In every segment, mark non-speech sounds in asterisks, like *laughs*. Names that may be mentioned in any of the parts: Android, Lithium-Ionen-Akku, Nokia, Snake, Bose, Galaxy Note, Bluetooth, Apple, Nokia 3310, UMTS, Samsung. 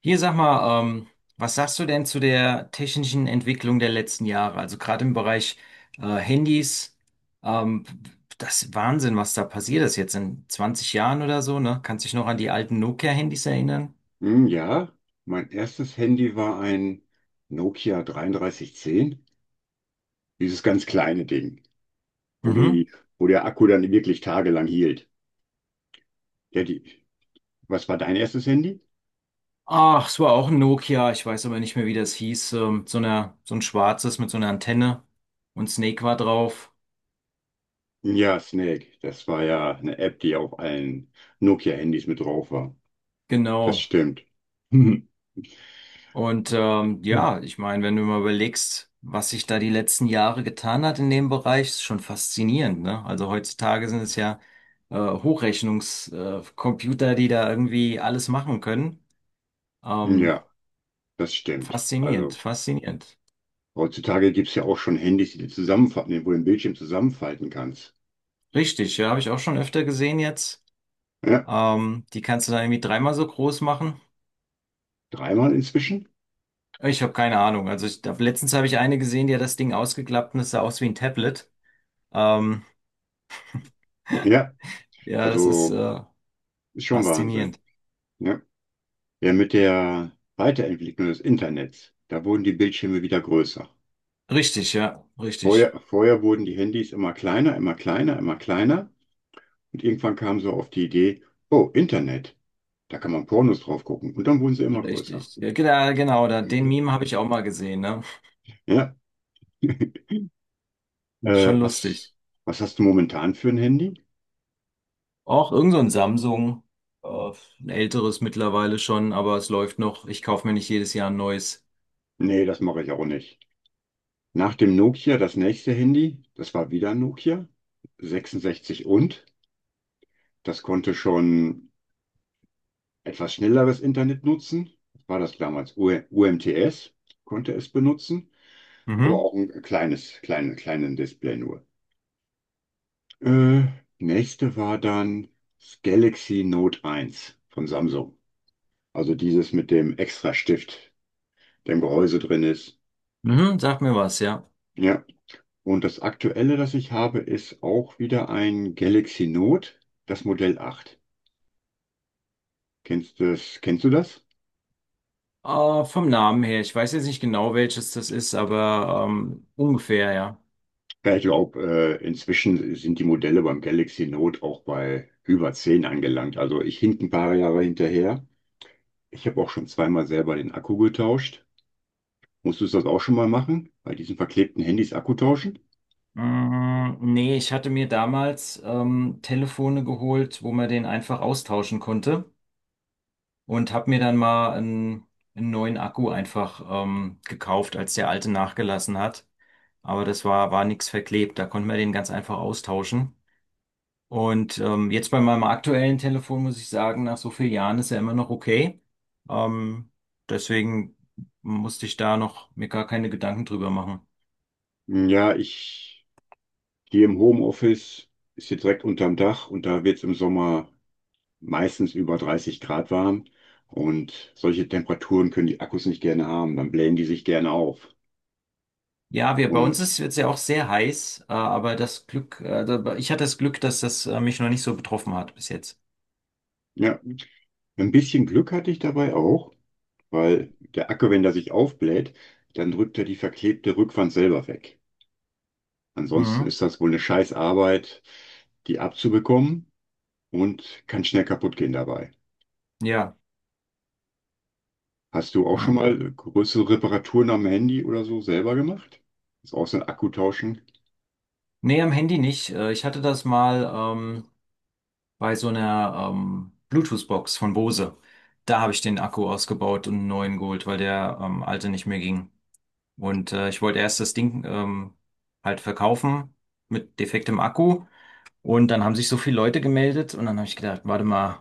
Hier sag mal, was sagst du denn zu der technischen Entwicklung der letzten Jahre? Also gerade im Bereich Handys, ähm, das ist Wahnsinn, was da passiert ist jetzt in 20 Jahren oder so, ne? Kannst dich noch an die alten Nokia-Handys erinnern? Hm, ja, mein erstes Handy war ein Nokia 3310, dieses ganz kleine Ding, wo Mhm. die, wo der Akku dann wirklich tagelang hielt. Ja, die, Was war dein erstes Handy? Ach, es war auch ein Nokia, ich weiß aber nicht mehr, wie das hieß. So einer, so ein schwarzes mit so einer Antenne und Snake war drauf. Ja, Snake, das war ja eine App, die auf allen Nokia-Handys mit drauf war. Das Genau. stimmt. *laughs* Und Hm. ja, ich meine, wenn du mal überlegst, was sich da die letzten Jahre getan hat in dem Bereich, ist schon faszinierend, ne? Also heutzutage sind es ja Hochrechnungscomputer, Computer, die da irgendwie alles machen können. Ähm, Ja, das stimmt. faszinierend, Also faszinierend. heutzutage gibt es ja auch schon Handys, die du zusammenfalten, wo du den Bildschirm zusammenfalten kannst. Richtig, ja, habe ich auch schon öfter gesehen jetzt. Ja, Die kannst du dann irgendwie dreimal so groß machen. dreimal inzwischen? Ich habe keine Ahnung. Also ich, letztens habe ich eine gesehen, die hat das Ding ausgeklappt und es sah aus wie ein Tablet. Ähm, Ja, ja, das ist also ist schon Wahnsinn. faszinierend. Ja. Ja, mit der Weiterentwicklung des Internets, da wurden die Bildschirme wieder größer. Richtig, ja, richtig, Vorher wurden die Handys immer kleiner, immer kleiner, immer kleiner. Und irgendwann kam so auf die Idee, oh, Internet, da kann man Pornos drauf gucken. Und dann wurden sie immer größer. richtig. Ja, genau, genau, da, den Meme habe ich auch mal gesehen, ne? Ja. *laughs* Äh, Schon was, lustig. Was hast du momentan für ein Handy? Auch irgend so ein Samsung, äh, ein älteres mittlerweile schon, aber es läuft noch. Ich kaufe mir nicht jedes Jahr ein neues. Nee, das mache ich auch nicht. Nach dem Nokia, das nächste Handy, das war wieder ein Nokia, 66 und. Das konnte schon etwas schnelleres Internet nutzen. Das war das damals UMTS, konnte es benutzen, aber Mhm. auch ein kleines, kleines, kleines Display nur. Äh, nächste war dann das Galaxy Note eins von Samsung. Also dieses mit dem extra Stift, der im Gehäuse drin ist. Mhm, sag mir was, ja. Ja. Und das aktuelle, das ich habe, ist auch wieder ein Galaxy Note, das Modell acht. Kennst du das, kennst du das? Vom Namen her, ich weiß jetzt nicht genau, welches das ist, aber ungefähr, ja. Ja, ich glaube, inzwischen sind die Modelle beim Galaxy Note auch bei über 10 angelangt. Also ich hink ein paar Jahre hinterher. Ich habe auch schon zweimal selber den Akku getauscht. Musstest du das auch schon mal machen? Bei diesen verklebten Handys Akku tauschen? Mm, nee, ich hatte mir damals Telefone geholt, wo man den einfach austauschen konnte. Und habe mir dann mal einen neuen Akku einfach gekauft, als der alte nachgelassen hat. Aber war nichts verklebt, da konnte man den ganz einfach austauschen. Und jetzt bei meinem aktuellen Telefon muss ich sagen, nach so vielen Jahren ist er immer noch okay. Ähm, deswegen musste ich da noch mir gar keine Gedanken drüber machen. Ja, ich hier im Homeoffice ist hier direkt unterm Dach und da wird es im Sommer meistens über 30 Grad warm. Und solche Temperaturen können die Akkus nicht gerne haben. Dann blähen die sich gerne auf. Ja, bei uns Und ist es ja auch sehr heiß, aber das Glück, ich hatte das Glück, dass das mich noch nicht so betroffen hat bis jetzt. ja, ein bisschen Glück hatte ich dabei auch, weil der Akku, wenn der sich aufbläht, dann drückt er die verklebte Rückwand selber weg. Ansonsten Mhm. ist das wohl eine scheiß Arbeit, die abzubekommen, und kann schnell kaputt gehen dabei. Ja. Hast du auch schon Mhm. mal größere Reparaturen am Handy oder so selber gemacht? Ist auch so ein Akku tauschen. Nee, am Handy nicht. Ich hatte das mal bei so einer Bluetooth-Box von Bose. Da habe ich den Akku ausgebaut und einen neuen geholt, weil der alte nicht mehr ging. Und ich wollte erst das Ding halt verkaufen mit defektem Akku. Und dann haben sich so viele Leute gemeldet und dann habe ich gedacht, warte mal,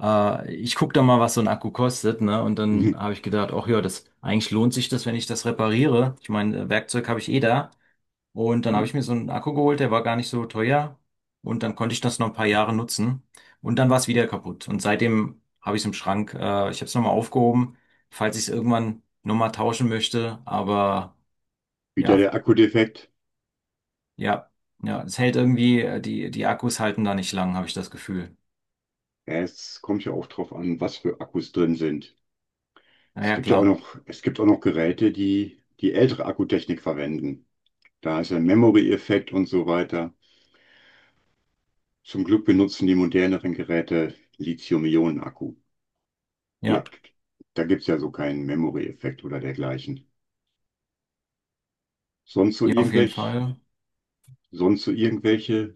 ich gucke doch mal, was so ein Akku kostet, ne? Und dann *laughs* habe ich gedacht, ach ja, das eigentlich lohnt sich das, wenn ich das repariere. Ich meine, Werkzeug habe ich eh da. Und dann habe ich mir so einen Akku geholt, der war gar nicht so teuer. Und dann konnte ich das noch ein paar Jahre nutzen. Und dann war es wieder kaputt. Und seitdem habe ich es im Schrank. Ich habe es nochmal aufgehoben, falls ich es irgendwann nochmal tauschen möchte. Aber Wieder ja, der Akku defekt. ja, ja, es hält irgendwie, die Akkus halten da nicht lang, habe ich das Gefühl. Ja, es kommt ja auch drauf an, was für Akkus drin sind. Es Naja, gibt ja auch klar. noch, es gibt auch noch Geräte, die die ältere Akkutechnik verwenden. Da ist ein Memory-Effekt und so weiter. Zum Glück benutzen die moderneren Geräte Lithium-Ionen-Akku Ja, direkt. Da gibt's ja so keinen Memory-Effekt oder dergleichen. Sonst so ja, auf jeden irgendwelche, Fall. sonst so irgendwelche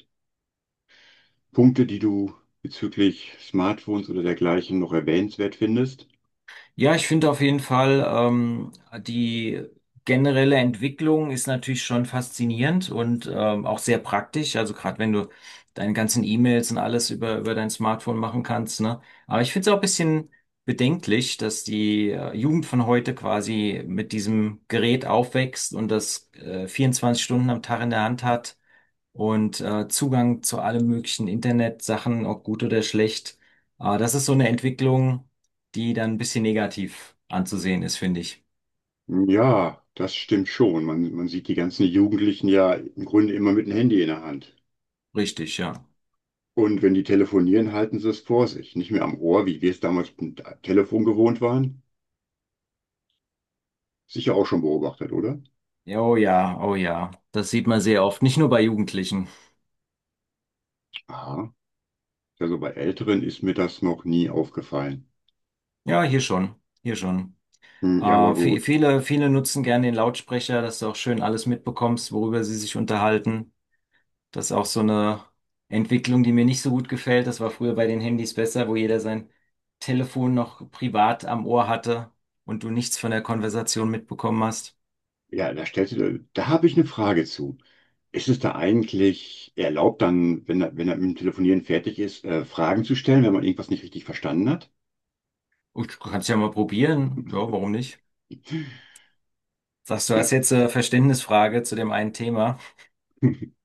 Punkte, die du bezüglich Smartphones oder dergleichen noch erwähnenswert findest? Ja, ich finde auf jeden Fall, die generelle Entwicklung ist natürlich schon faszinierend und auch sehr praktisch. Also gerade wenn du deine ganzen E-Mails und alles über dein Smartphone machen kannst, ne? Aber ich finde es auch ein bisschen bedenklich, dass die Jugend von heute quasi mit diesem Gerät aufwächst und das 24 Stunden am Tag in der Hand hat und Zugang zu allen möglichen Internetsachen, ob gut oder schlecht. Das ist so eine Entwicklung, die dann ein bisschen negativ anzusehen ist, finde ich. Ja, das stimmt schon. Man sieht die ganzen Jugendlichen ja im Grunde immer mit dem Handy in der Hand. Richtig, ja. Und wenn die telefonieren, halten sie es vor sich. Nicht mehr am Ohr, wie wir es damals mit dem Telefon gewohnt waren. Sicher auch schon beobachtet, oder? Ja, oh ja, oh ja. Das sieht man sehr oft, nicht nur bei Jugendlichen. Aha. Also bei Älteren ist mir das noch nie aufgefallen. Ja, hier schon, hier schon. Äh, Hm, ja, aber gut. viele, viele nutzen gerne den Lautsprecher, dass du auch schön alles mitbekommst, worüber sie sich unterhalten. Das ist auch so eine Entwicklung, die mir nicht so gut gefällt. Das war früher bei den Handys besser, wo jeder sein Telefon noch privat am Ohr hatte und du nichts von der Konversation mitbekommen hast. Da habe ich eine Frage zu. Ist es da eigentlich erlaubt, dann, wenn er mit dem Telefonieren fertig ist, Fragen zu stellen, wenn man irgendwas nicht richtig verstanden hat? Oh, du kannst ja mal probieren. Ja, warum nicht? Sagst du, hast Ja. jetzt eine Verständnisfrage zu dem einen Thema? *laughs*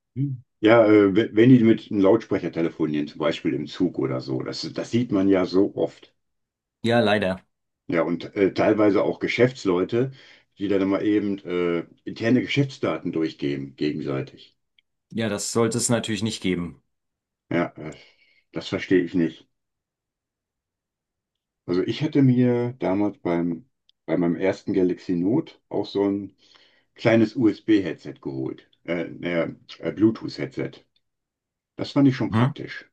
Ja, wenn die mit einem Lautsprecher telefonieren, zum Beispiel im Zug oder so, das sieht man ja so oft. Ja, leider. Ja, und teilweise auch Geschäftsleute, die dann mal eben interne Geschäftsdaten durchgeben, gegenseitig. Ja, das sollte es natürlich nicht geben. Ja, äh, Das verstehe ich nicht. Also ich hätte mir bei meinem ersten Galaxy Note auch so ein kleines Bluetooth-Headset Das fand ich schon Hm? praktisch.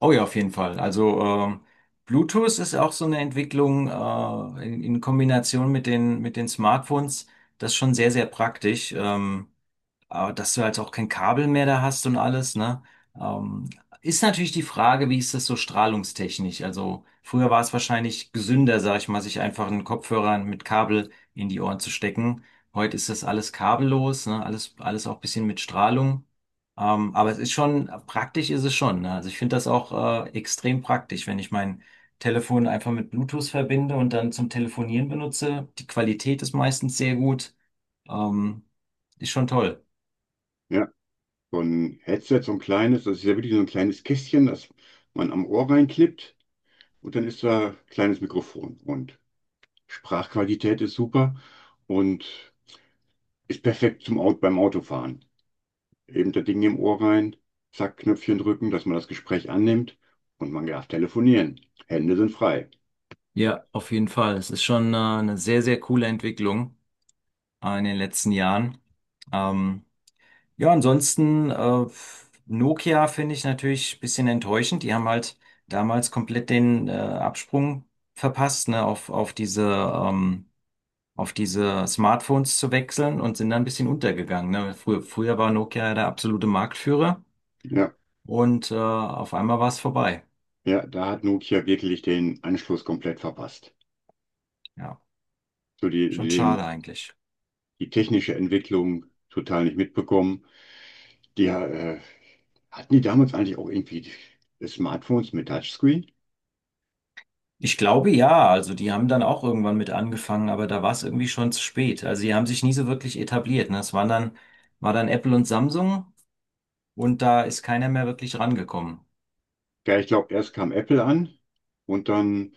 Oh ja, auf jeden Fall. Also Bluetooth ist auch so eine Entwicklung in Kombination mit mit den Smartphones. Das ist schon sehr, sehr praktisch. Aber dass du halt auch kein Kabel mehr da hast und alles, ne? Ähm, ist natürlich die Frage, wie ist das so strahlungstechnisch? Also früher war es wahrscheinlich gesünder, sag ich mal, sich einfach einen Kopfhörer mit Kabel in die Ohren zu stecken. Heute ist das alles kabellos, ne? Alles, alles auch ein bisschen mit Strahlung. Aber es ist schon, praktisch ist es schon, ne? Also ich finde das auch extrem praktisch, wenn ich mein Telefon einfach mit Bluetooth verbinde und dann zum Telefonieren benutze. Die Qualität ist meistens sehr gut. Ähm, ist schon toll. Ja, so ein Headset, so ein kleines, das ist ja wirklich so ein kleines Kästchen, das man am Ohr reinklippt, und dann ist da ein kleines Mikrofon. Und Sprachqualität ist super und ist perfekt zum Auto, beim Autofahren. Eben der Ding im Ohr rein, zack, Knöpfchen drücken, dass man das Gespräch annimmt, und man darf telefonieren. Hände sind frei. Ja, auf jeden Fall. Es ist schon eine sehr, sehr coole Entwicklung in den letzten Jahren. Ähm, ja, ansonsten, Nokia finde ich natürlich ein bisschen enttäuschend. Die haben halt damals komplett den Absprung verpasst, ne, ähm, auf diese Smartphones zu wechseln und sind dann ein bisschen untergegangen. Ne? Früher, früher war Nokia ja der absolute Marktführer Ja, und auf einmal war es vorbei. ja, da hat Nokia wirklich den Anschluss komplett verpasst. Ja, So die, schon die, schade eigentlich. Die technische Entwicklung total nicht mitbekommen. Die, äh, Hatten die damals eigentlich auch irgendwie Smartphones mit Touchscreen? Ich glaube ja, also die haben dann auch irgendwann mit angefangen, aber da war es irgendwie schon zu spät. Also die haben sich nie so wirklich etabliert. Ne? Es waren war dann Apple und Samsung und da ist keiner mehr wirklich rangekommen. Ja, ich glaube, erst kam Apple an, und dann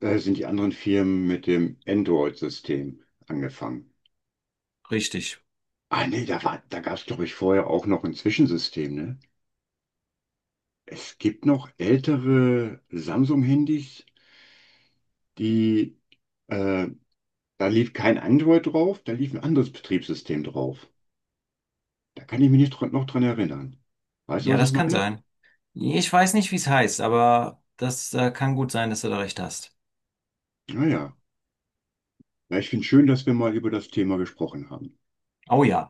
sind die anderen Firmen mit dem Android-System angefangen. Richtig. Ah nee, da gab es, glaube ich, vorher auch noch ein Zwischensystem, ne? Es gibt noch ältere Samsung-Handys, die, äh, da lief kein Android drauf, da lief ein anderes Betriebssystem drauf. Da kann ich mich nicht noch dran erinnern. Weißt du, Ja, was ich das kann meine? sein. Ich weiß nicht, wie es heißt, aber das kann gut sein, dass du da recht hast. Naja, ja, ich finde es schön, dass wir mal über das Thema gesprochen haben. Oh ja.